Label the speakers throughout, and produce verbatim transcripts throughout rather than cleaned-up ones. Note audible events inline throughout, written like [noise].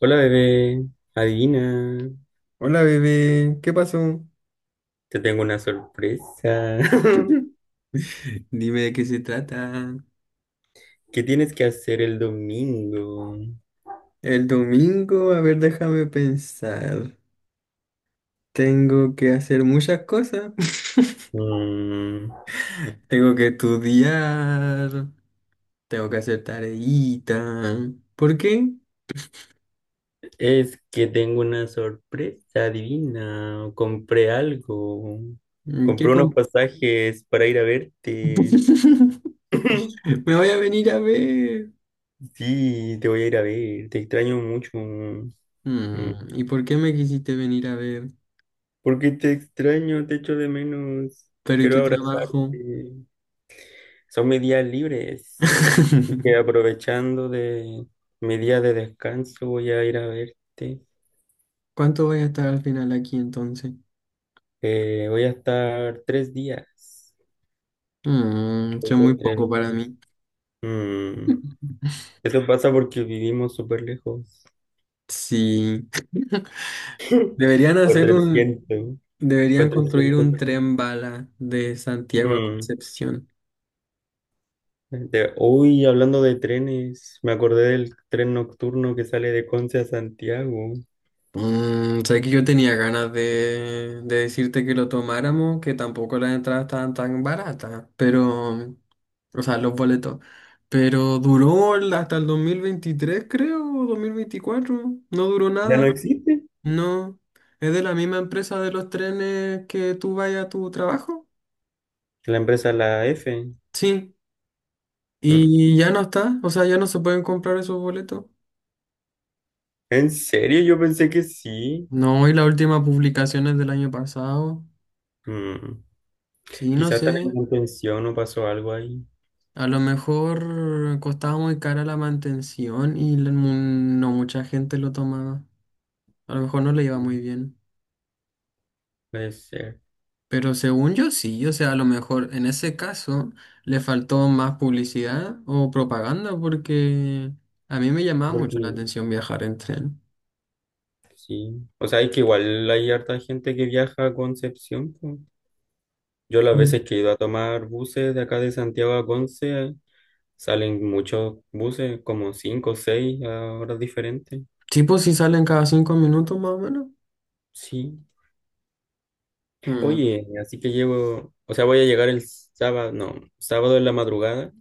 Speaker 1: Hola bebé, adivina,
Speaker 2: Hola bebé, ¿qué pasó?
Speaker 1: te tengo una sorpresa. [laughs]
Speaker 2: [laughs] Dime de qué se trata.
Speaker 1: ¿Qué tienes que hacer el domingo?
Speaker 2: El domingo, a ver, déjame pensar. Tengo que hacer muchas cosas.
Speaker 1: Mm,
Speaker 2: [laughs] Tengo que estudiar. Tengo que hacer tareita. ¿Por qué?
Speaker 1: es que tengo una sorpresa, adivina. Compré algo.
Speaker 2: Mm, ¿Qué
Speaker 1: Compré unos
Speaker 2: com-
Speaker 1: pasajes para ir a verte.
Speaker 2: [laughs]
Speaker 1: [clears throat] [laughs]
Speaker 2: Me voy a venir a ver.
Speaker 1: Sí, te voy a ir a ver, te extraño mucho. Mm,
Speaker 2: Mm, ¿Y por qué me quisiste venir a ver?
Speaker 1: Porque te extraño, te echo de menos.
Speaker 2: Pero ¿y tu
Speaker 1: Quiero abrazarte.
Speaker 2: trabajo?
Speaker 1: Son mis días libres. Y
Speaker 2: [laughs]
Speaker 1: aprovechando de mi día de descanso, voy a ir a verte.
Speaker 2: ¿Cuánto voy a estar al final aquí entonces?
Speaker 1: Eh, voy a estar tres días.
Speaker 2: Mm,
Speaker 1: Voy
Speaker 2: son muy
Speaker 1: por tres
Speaker 2: poco para
Speaker 1: días.
Speaker 2: mí.
Speaker 1: Mm, Eso pasa porque vivimos súper lejos.
Speaker 2: Sí. [laughs] Deberían hacer un,
Speaker 1: cuatrocientos
Speaker 2: Deberían construir
Speaker 1: cuatrocientos
Speaker 2: un
Speaker 1: ki-
Speaker 2: tren bala de Santiago a
Speaker 1: Mm,
Speaker 2: Concepción.
Speaker 1: de- Uy, hablando de trenes, me acordé del tren nocturno que sale de Conce a Santiago.
Speaker 2: Mm, sé que yo tenía ganas de, de decirte que lo tomáramos, que tampoco las entradas estaban tan baratas, pero, o sea, los boletos. Pero duró el- hasta el dos mil veintitrés, creo, o dos mil veinticuatro. No duró
Speaker 1: ¿Ya
Speaker 2: nada.
Speaker 1: no existe?
Speaker 2: No. ¿Es de la misma empresa de los trenes que tú vayas a tu trabajo?
Speaker 1: La empresa La F.
Speaker 2: Sí.
Speaker 1: Mm,
Speaker 2: Y ya no está, o sea, ya no se pueden comprar esos boletos.
Speaker 1: ¿En serio? Yo pensé que sí.
Speaker 2: No, y la última publicación es del año pasado.
Speaker 1: Mm.
Speaker 2: Sí, no
Speaker 1: Quizás están
Speaker 2: sé,
Speaker 1: en mantención o pasó algo ahí.
Speaker 2: a lo mejor costaba muy cara la mantención y la- mu- no mucha gente lo tomaba. A lo mejor no le iba
Speaker 1: ¿No?
Speaker 2: muy bien.
Speaker 1: Puede ser.
Speaker 2: Pero según yo sí, o sea, a lo mejor en ese caso le faltó más publicidad o propaganda porque a mí me llamaba mucho la
Speaker 1: Porque
Speaker 2: atención viajar en tren.
Speaker 1: sí. O sea, es que igual hay harta gente que viaja a Concepción. Po. Yo las
Speaker 2: Mm.
Speaker 1: veces que he ido a tomar buses de acá de Santiago a Conce, salen muchos buses, como cinco o seis a horas diferentes.
Speaker 2: Sí, pues si salen cada cinco minutos más o menos.
Speaker 1: Sí. Oye, así que llevo, o sea, voy a llegar el sábado, no, sábado en la madrugada.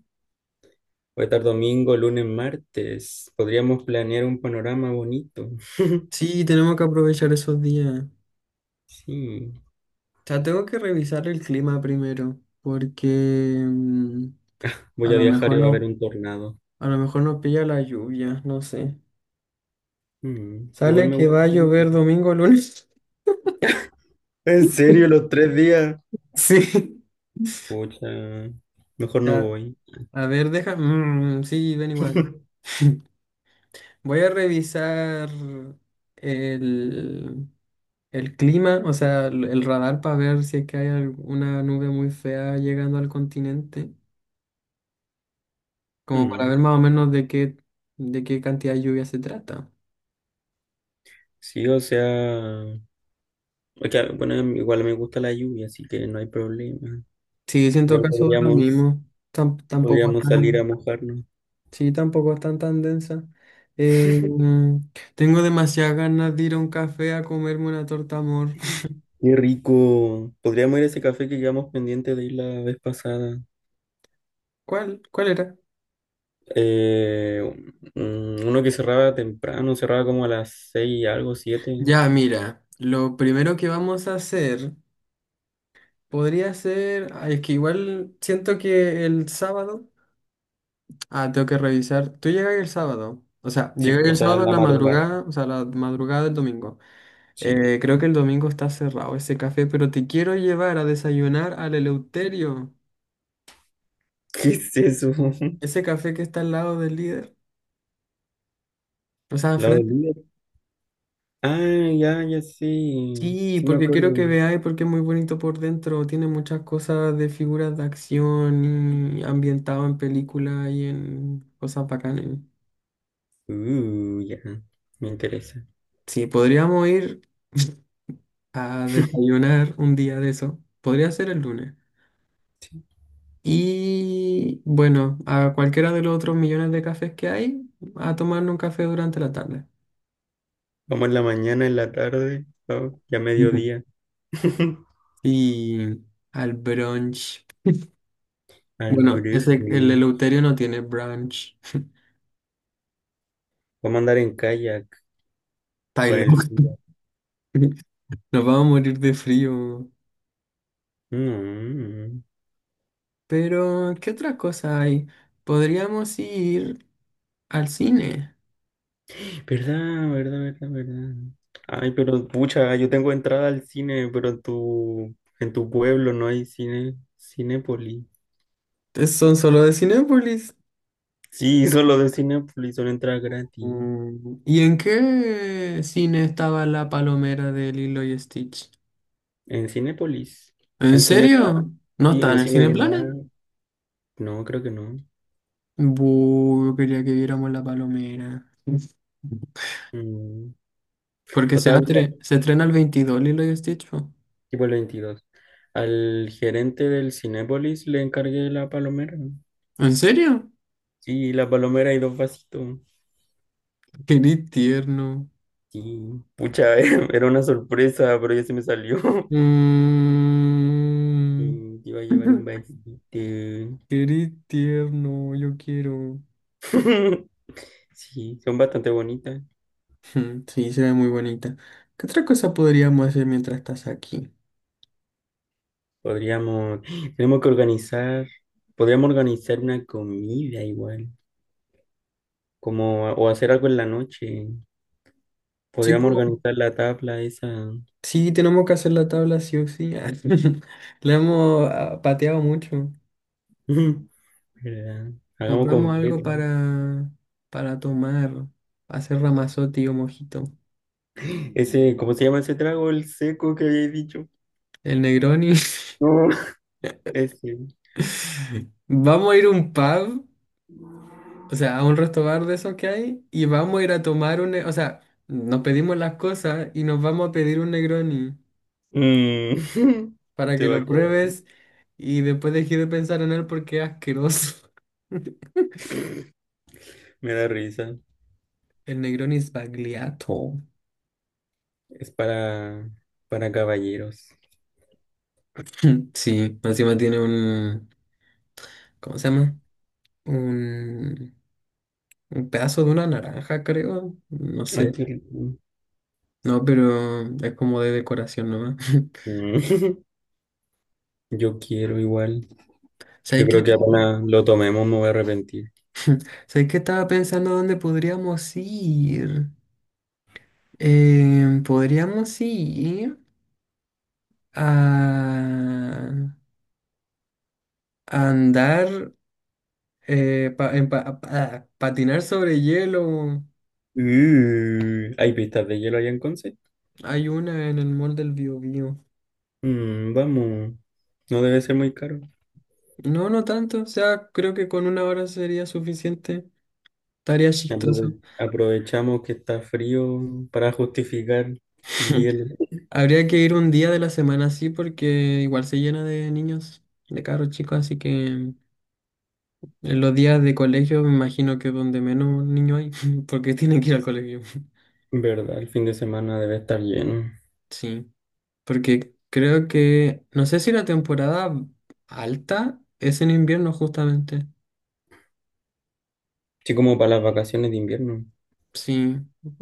Speaker 1: Voy a estar domingo, lunes, martes. Podríamos planear un panorama bonito. [laughs]
Speaker 2: Sí, tenemos que aprovechar esos días. O
Speaker 1: Sí.
Speaker 2: sea, tengo que revisar el clima primero, porque mm, a
Speaker 1: Voy a
Speaker 2: lo
Speaker 1: viajar
Speaker 2: mejor
Speaker 1: y va a haber
Speaker 2: no,
Speaker 1: un tornado.
Speaker 2: a lo mejor no pilla la lluvia, no sé.
Speaker 1: Mm,
Speaker 2: Sale
Speaker 1: Igual me
Speaker 2: que
Speaker 1: gusta.
Speaker 2: va a llover domingo, lunes.
Speaker 1: ¿En serio, los tres días?
Speaker 2: [laughs] Sí.
Speaker 1: Pucha, mejor no
Speaker 2: Ya,
Speaker 1: voy.
Speaker 2: a ver, deja. Mm, sí, ven igual.
Speaker 1: [laughs]
Speaker 2: [laughs] Voy a revisar el, el clima, o sea, el, el radar para ver si es que hay alguna nube muy fea llegando al continente, como para
Speaker 1: Mm.
Speaker 2: ver más o menos de qué, de qué cantidad de lluvia se trata.
Speaker 1: Sí, o sea, o sea, bueno, igual me gusta la lluvia, así que no hay problema.
Speaker 2: Sí, siento en
Speaker 1: Igual
Speaker 2: todo es lo
Speaker 1: podríamos,
Speaker 2: mismo. Tam- tampoco es
Speaker 1: podríamos salir a
Speaker 2: tan,
Speaker 1: mojarnos.
Speaker 2: sí, tampoco es tan tan densa. Eh, mm, Tengo demasiadas ganas de ir a un café a comerme una torta amor. [laughs]
Speaker 1: Qué rico. Podríamos ir a ese café que quedamos pendiente de ir la vez pasada.
Speaker 2: ¿Cuál? ¿Cuál era?
Speaker 1: Eh, mm, Uno que cerraba temprano, cerraba como a las seis y algo, siete.
Speaker 2: Ya, mira, lo primero que vamos a hacer podría ser, ah, es que igual siento que el sábado, ah, tengo que revisar. Tú llegas el sábado, o sea,
Speaker 1: Sí,
Speaker 2: llegas
Speaker 1: o
Speaker 2: el
Speaker 1: sea,
Speaker 2: sábado
Speaker 1: en
Speaker 2: en
Speaker 1: la
Speaker 2: la
Speaker 1: madrugada.
Speaker 2: madrugada, o sea, la madrugada del domingo.
Speaker 1: Sí.
Speaker 2: Eh, creo que el domingo está cerrado ese café, pero te quiero llevar a desayunar al Eleuterio,
Speaker 1: ¿Qué es eso? [laughs]
Speaker 2: ese café que está al lado del líder. O sea,
Speaker 1: ¿Lado del
Speaker 2: frente.
Speaker 1: líder? Ah, ya, ya sí.
Speaker 2: Sí,
Speaker 1: Sí me
Speaker 2: porque quiero
Speaker 1: acuerdo.
Speaker 2: que veáis porque es muy bonito por dentro, tiene muchas cosas de figuras de acción y ambientado en películas y en cosas bacanas.
Speaker 1: Uh, ya. Me interesa.
Speaker 2: Sí, podríamos ir [laughs] a
Speaker 1: [laughs]
Speaker 2: desayunar un día de eso. Podría ser el lunes. Y bueno, a cualquiera de los otros millones de cafés que hay, a tomarnos un café durante la tarde.
Speaker 1: Vamos en la mañana, en la tarde, ¿no? Ya
Speaker 2: Ujú.
Speaker 1: mediodía. [laughs]
Speaker 2: Y al brunch.
Speaker 1: Al
Speaker 2: Bueno, ese, el
Speaker 1: brujo.
Speaker 2: Eleuterio no tiene brunch.
Speaker 1: Vamos a andar en kayak con
Speaker 2: Pailo.
Speaker 1: el frío.
Speaker 2: [laughs] Nos vamos a morir de frío.
Speaker 1: Mm.
Speaker 2: Pero, ¿qué otra cosa hay? Podríamos ir al cine.
Speaker 1: ¿Verdad, verdad, verdad, verdad? Ay, pero pucha, yo tengo entrada al cine, pero en tu, en tu pueblo no hay cine, Cinépolis.
Speaker 2: Es- Son solo de Cinépolis.
Speaker 1: Sí, [laughs] solo de Cinépolis son entradas gratis.
Speaker 2: Mm, ¿Y en qué cine estaba la palomera de Lilo y Stitch?
Speaker 1: En Cinépolis.
Speaker 2: ¿En
Speaker 1: En Cinemar.
Speaker 2: serio? ¿No
Speaker 1: Sí,
Speaker 2: está en
Speaker 1: en
Speaker 2: el Sí. Cineplanet?
Speaker 1: Cinemar. No, creo que no.
Speaker 2: Buh, yo quería que viéramos la palomera. [laughs]
Speaker 1: Mm,
Speaker 2: Porque
Speaker 1: O
Speaker 2: se,
Speaker 1: sea, mira,
Speaker 2: atre se estrena el veintidós Lilo y Stitch. Po.
Speaker 1: tipo el veintidós. Al gerente del Cinépolis le encargué la palomera.
Speaker 2: ¿En serio?
Speaker 1: Sí, la palomera y dos vasitos.
Speaker 2: Qué ni tierno.
Speaker 1: Sí, pucha, [laughs] era una sorpresa, pero ya se me salió. [laughs]
Speaker 2: Mm.
Speaker 1: Y te iba a llevar un
Speaker 2: [laughs]
Speaker 1: vasito.
Speaker 2: Qué ni tierno, yo quiero. [laughs]
Speaker 1: [laughs] Sí, son bastante bonitas.
Speaker 2: Hmm, sí, se ve muy bonita. ¿Qué otra cosa podríamos hacer mientras estás aquí?
Speaker 1: Podríamos, tenemos que organizar, podríamos organizar una comida igual. Como o hacer algo en la noche.
Speaker 2: Sí,
Speaker 1: Podríamos
Speaker 2: po,
Speaker 1: organizar la tabla esa.
Speaker 2: sí, tenemos que hacer la tabla sí o sí. Ah, [laughs] la hemos ah, pateado mucho.
Speaker 1: [laughs] ¿Verdad? Hagamos
Speaker 2: Compramos algo
Speaker 1: completo. ¿No?
Speaker 2: para, para tomar, para hacer ramazote o mojito.
Speaker 1: [laughs] Ese, ¿cómo se llama ese trago? El seco que había dicho.
Speaker 2: El Negroni.
Speaker 1: No.
Speaker 2: [laughs]
Speaker 1: Ese.
Speaker 2: Vamos a ir a un pub, o sea, a un resto bar de esos que hay, y vamos a ir a tomar un... ne- O sea, nos pedimos las cosas y nos vamos a pedir un Negroni
Speaker 1: Mm. [laughs]
Speaker 2: para
Speaker 1: Se
Speaker 2: que
Speaker 1: va a
Speaker 2: lo
Speaker 1: quedar.
Speaker 2: pruebes y después dejes de pensar en él porque es asqueroso. [laughs]
Speaker 1: Me da risa.
Speaker 2: El Negroni es bagliato.
Speaker 1: Es para, para caballeros.
Speaker 2: [laughs] Sí, encima tiene un... ¿Cómo se llama? Un, un pedazo de una naranja, creo. No
Speaker 1: Ay,
Speaker 2: sé.
Speaker 1: qué rico.
Speaker 2: No, pero es como de decoración nomás. [laughs]
Speaker 1: Mm. [laughs] Yo quiero igual. Yo
Speaker 2: ¿Sabes qué?
Speaker 1: creo que apenas lo tomemos me voy a arrepentir.
Speaker 2: Sé que estaba pensando dónde podríamos ir. Eh, podríamos ir a, a andar, eh, pa- en pa- pa- patinar sobre hielo.
Speaker 1: Uh, ¿hay pistas de hielo allá en Conce?
Speaker 2: Hay una en el mall del Biobío.
Speaker 1: Mm, vamos. No debe ser muy caro.
Speaker 2: No, no tanto. O sea, creo que con una hora sería suficiente. Estaría chistoso.
Speaker 1: Aprove- Aprovechamos que está frío para justificar el
Speaker 2: [laughs]
Speaker 1: hielo.
Speaker 2: Habría que ir un día de la semana así porque igual se llena de niños, de carros chicos, así que... En los días de colegio me imagino que es donde menos niños hay, [laughs] porque tienen que ir al colegio.
Speaker 1: ¿Verdad? El fin de semana debe estar lleno.
Speaker 2: Sí, porque creo que, no sé si la temporada alta es en invierno justamente.
Speaker 1: Sí, como para las vacaciones de invierno.
Speaker 2: Sí,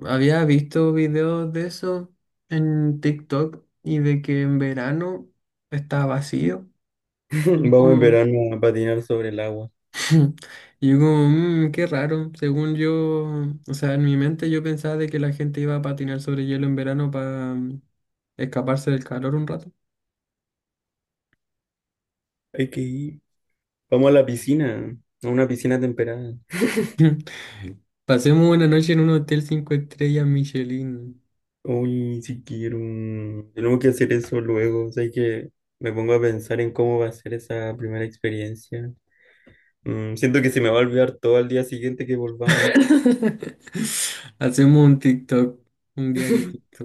Speaker 2: había visto videos de eso en TikTok y de que en verano está vacío. Es
Speaker 1: [laughs] Vamos en
Speaker 2: como-
Speaker 1: verano a patinar sobre el agua.
Speaker 2: [laughs] Y yo como, "Mm, qué raro. Según yo, o sea, en mi mente yo pensaba de que la gente iba a patinar sobre hielo en verano para escaparse del calor un rato.
Speaker 1: Hay que ir. Vamos a la piscina, a una piscina temperada.
Speaker 2: [laughs] Pasemos una noche en un hotel cinco estrellas Michelin.
Speaker 1: Uy, si quiero. Tenemos que hacer eso luego. O sea, hay que me pongo a pensar en cómo va a ser esa primera experiencia. Mm, siento que se me va a olvidar todo al día siguiente que volvamos.
Speaker 2: [laughs] Hacemos un TikTok, un diario.
Speaker 1: [laughs]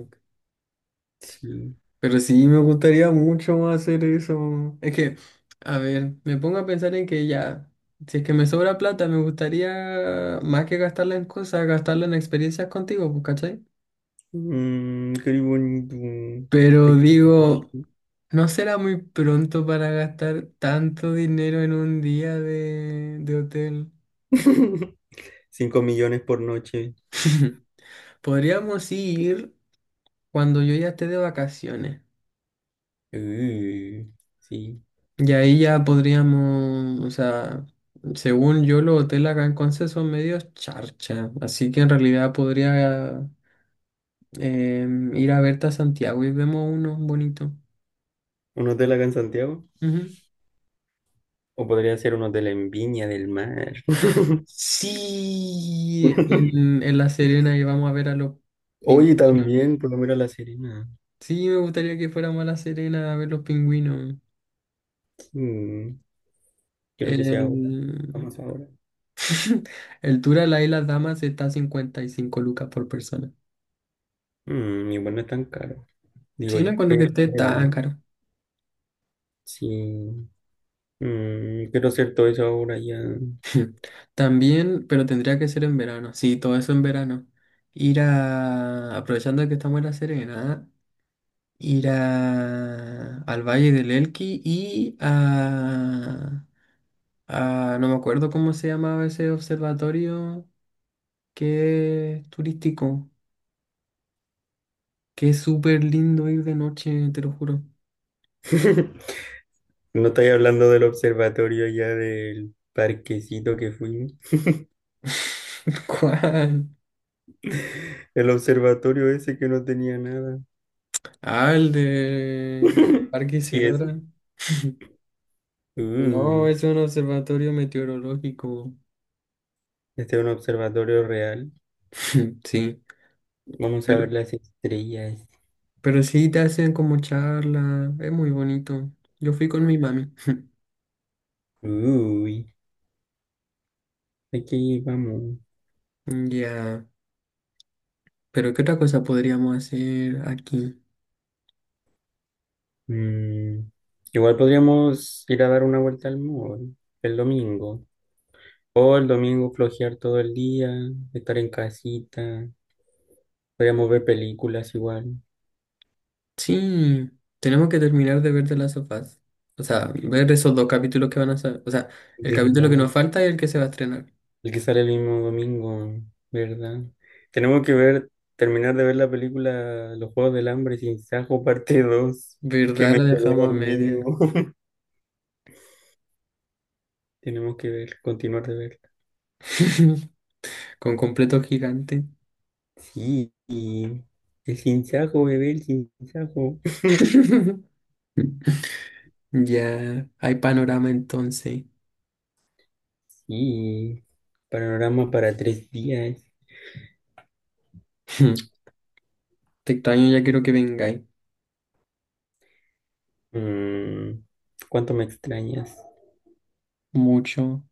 Speaker 1: Sí.
Speaker 2: Pero sí, me gustaría mucho más hacer eso. Es que, a ver, me pongo a pensar en que ya, si es que me sobra plata, me gustaría más que gastarla en cosas, gastarla en experiencias contigo, pues, ¿cachai?
Speaker 1: Mm, qué bonito.
Speaker 2: Pero
Speaker 1: Te
Speaker 2: digo,
Speaker 1: quiero.
Speaker 2: ¿no será muy pronto para gastar tanto dinero en un día de, de hotel?
Speaker 1: cinco [laughs] millones por noche.
Speaker 2: [laughs] Podríamos ir cuando yo ya esté de vacaciones.
Speaker 1: Uh, sí.
Speaker 2: Y ahí ya podríamos, o sea, según yo, los hoteles acá en Conce son medios charcha, así que en realidad podría em, ir a verte a Santiago y vemos uno bonito.
Speaker 1: ¿Un hotel acá en Santiago?
Speaker 2: Ujú.
Speaker 1: O podría ser un hotel en Viña del Mar.
Speaker 2: Sí, en,
Speaker 1: [laughs]
Speaker 2: en La Serena y vamos a ver a los
Speaker 1: Oye,
Speaker 2: pingüinos.
Speaker 1: también, por lo menos La Serena.
Speaker 2: Sí, me gustaría que fuéramos a La Serena a ver los pingüinos.
Speaker 1: Mm, Quiero que sea ahora.
Speaker 2: El,
Speaker 1: Vamos ahora.
Speaker 2: [laughs] el tour a la Isla Damas está a cincuenta y cinco lucas por persona.
Speaker 1: Mm, igual no es tan caro. Digo
Speaker 2: Sí, no
Speaker 1: yo,
Speaker 2: cuando que
Speaker 1: pero,
Speaker 2: esté
Speaker 1: pero,
Speaker 2: tan caro.
Speaker 1: sí. Mm, quiero hacer todo eso ahora ya.
Speaker 2: [laughs] También, pero tendría que ser en verano. Sí, todo eso en verano. Ir a, aprovechando que estamos en La Serena, ir a, al Valle del Elqui y a, a, no me acuerdo cómo se llamaba ese observatorio que es turístico, que es súper lindo ir de noche, te lo juro.
Speaker 1: [laughs] No estoy hablando del observatorio ya del parquecito que fuimos.
Speaker 2: [laughs] ¿Cuál?
Speaker 1: El observatorio ese que no tenía nada.
Speaker 2: Ah, el de
Speaker 1: [laughs]
Speaker 2: Parque
Speaker 1: Sí, ese.
Speaker 2: Isidora. [laughs] No,
Speaker 1: Uh,
Speaker 2: es un observatorio meteorológico.
Speaker 1: este es un observatorio real.
Speaker 2: [laughs] Sí.
Speaker 1: Vamos a
Speaker 2: Pero,
Speaker 1: ver las estrellas.
Speaker 2: pero sí te hacen como charla, es muy bonito. Yo fui con mi mami. [laughs]
Speaker 1: Uy, aquí vamos.
Speaker 2: Ya, pero ¿qué otra cosa podríamos hacer aquí?
Speaker 1: Mm, Igual podríamos ir a dar una vuelta al mall el domingo. O el domingo flojear todo el día, estar en casita. Podríamos ver películas igual.
Speaker 2: Sí, tenemos que terminar de ver The Last of Us. O sea, ver esos dos capítulos que van a salir. O sea, el capítulo
Speaker 1: ¿Verdad?
Speaker 2: que nos falta y el que se va a estrenar.
Speaker 1: El que sale el mismo domingo, ¿verdad? Tenemos que ver, terminar de ver la película Los Juegos del Hambre sin Sajo, parte dos que
Speaker 2: ¿Verdad?
Speaker 1: me
Speaker 2: La
Speaker 1: quedé
Speaker 2: dejamos a
Speaker 1: dormido.
Speaker 2: media.
Speaker 1: [laughs] Tenemos que ver, continuar de verla.
Speaker 2: [laughs] Con completo gigante.
Speaker 1: Sí, y el sin Sajo, bebé, el sin Sajo.
Speaker 2: [laughs] Ya, hay panorama entonces.
Speaker 1: Sí, panorama para tres días.
Speaker 2: [laughs] Te extraño, ya quiero que vengáis.
Speaker 1: Mm, ¿Cuánto me extrañas?
Speaker 2: Mucho.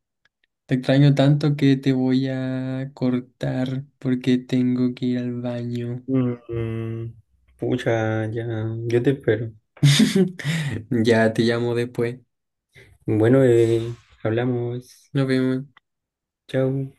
Speaker 2: Te extraño tanto que te voy a cortar porque tengo que ir al baño.
Speaker 1: Mm, mm, Pucha, ya, yo te espero.
Speaker 2: [laughs] Ya te llamo después.
Speaker 1: Bueno, bebé, hablamos.
Speaker 2: Nos vemos.
Speaker 1: Chau.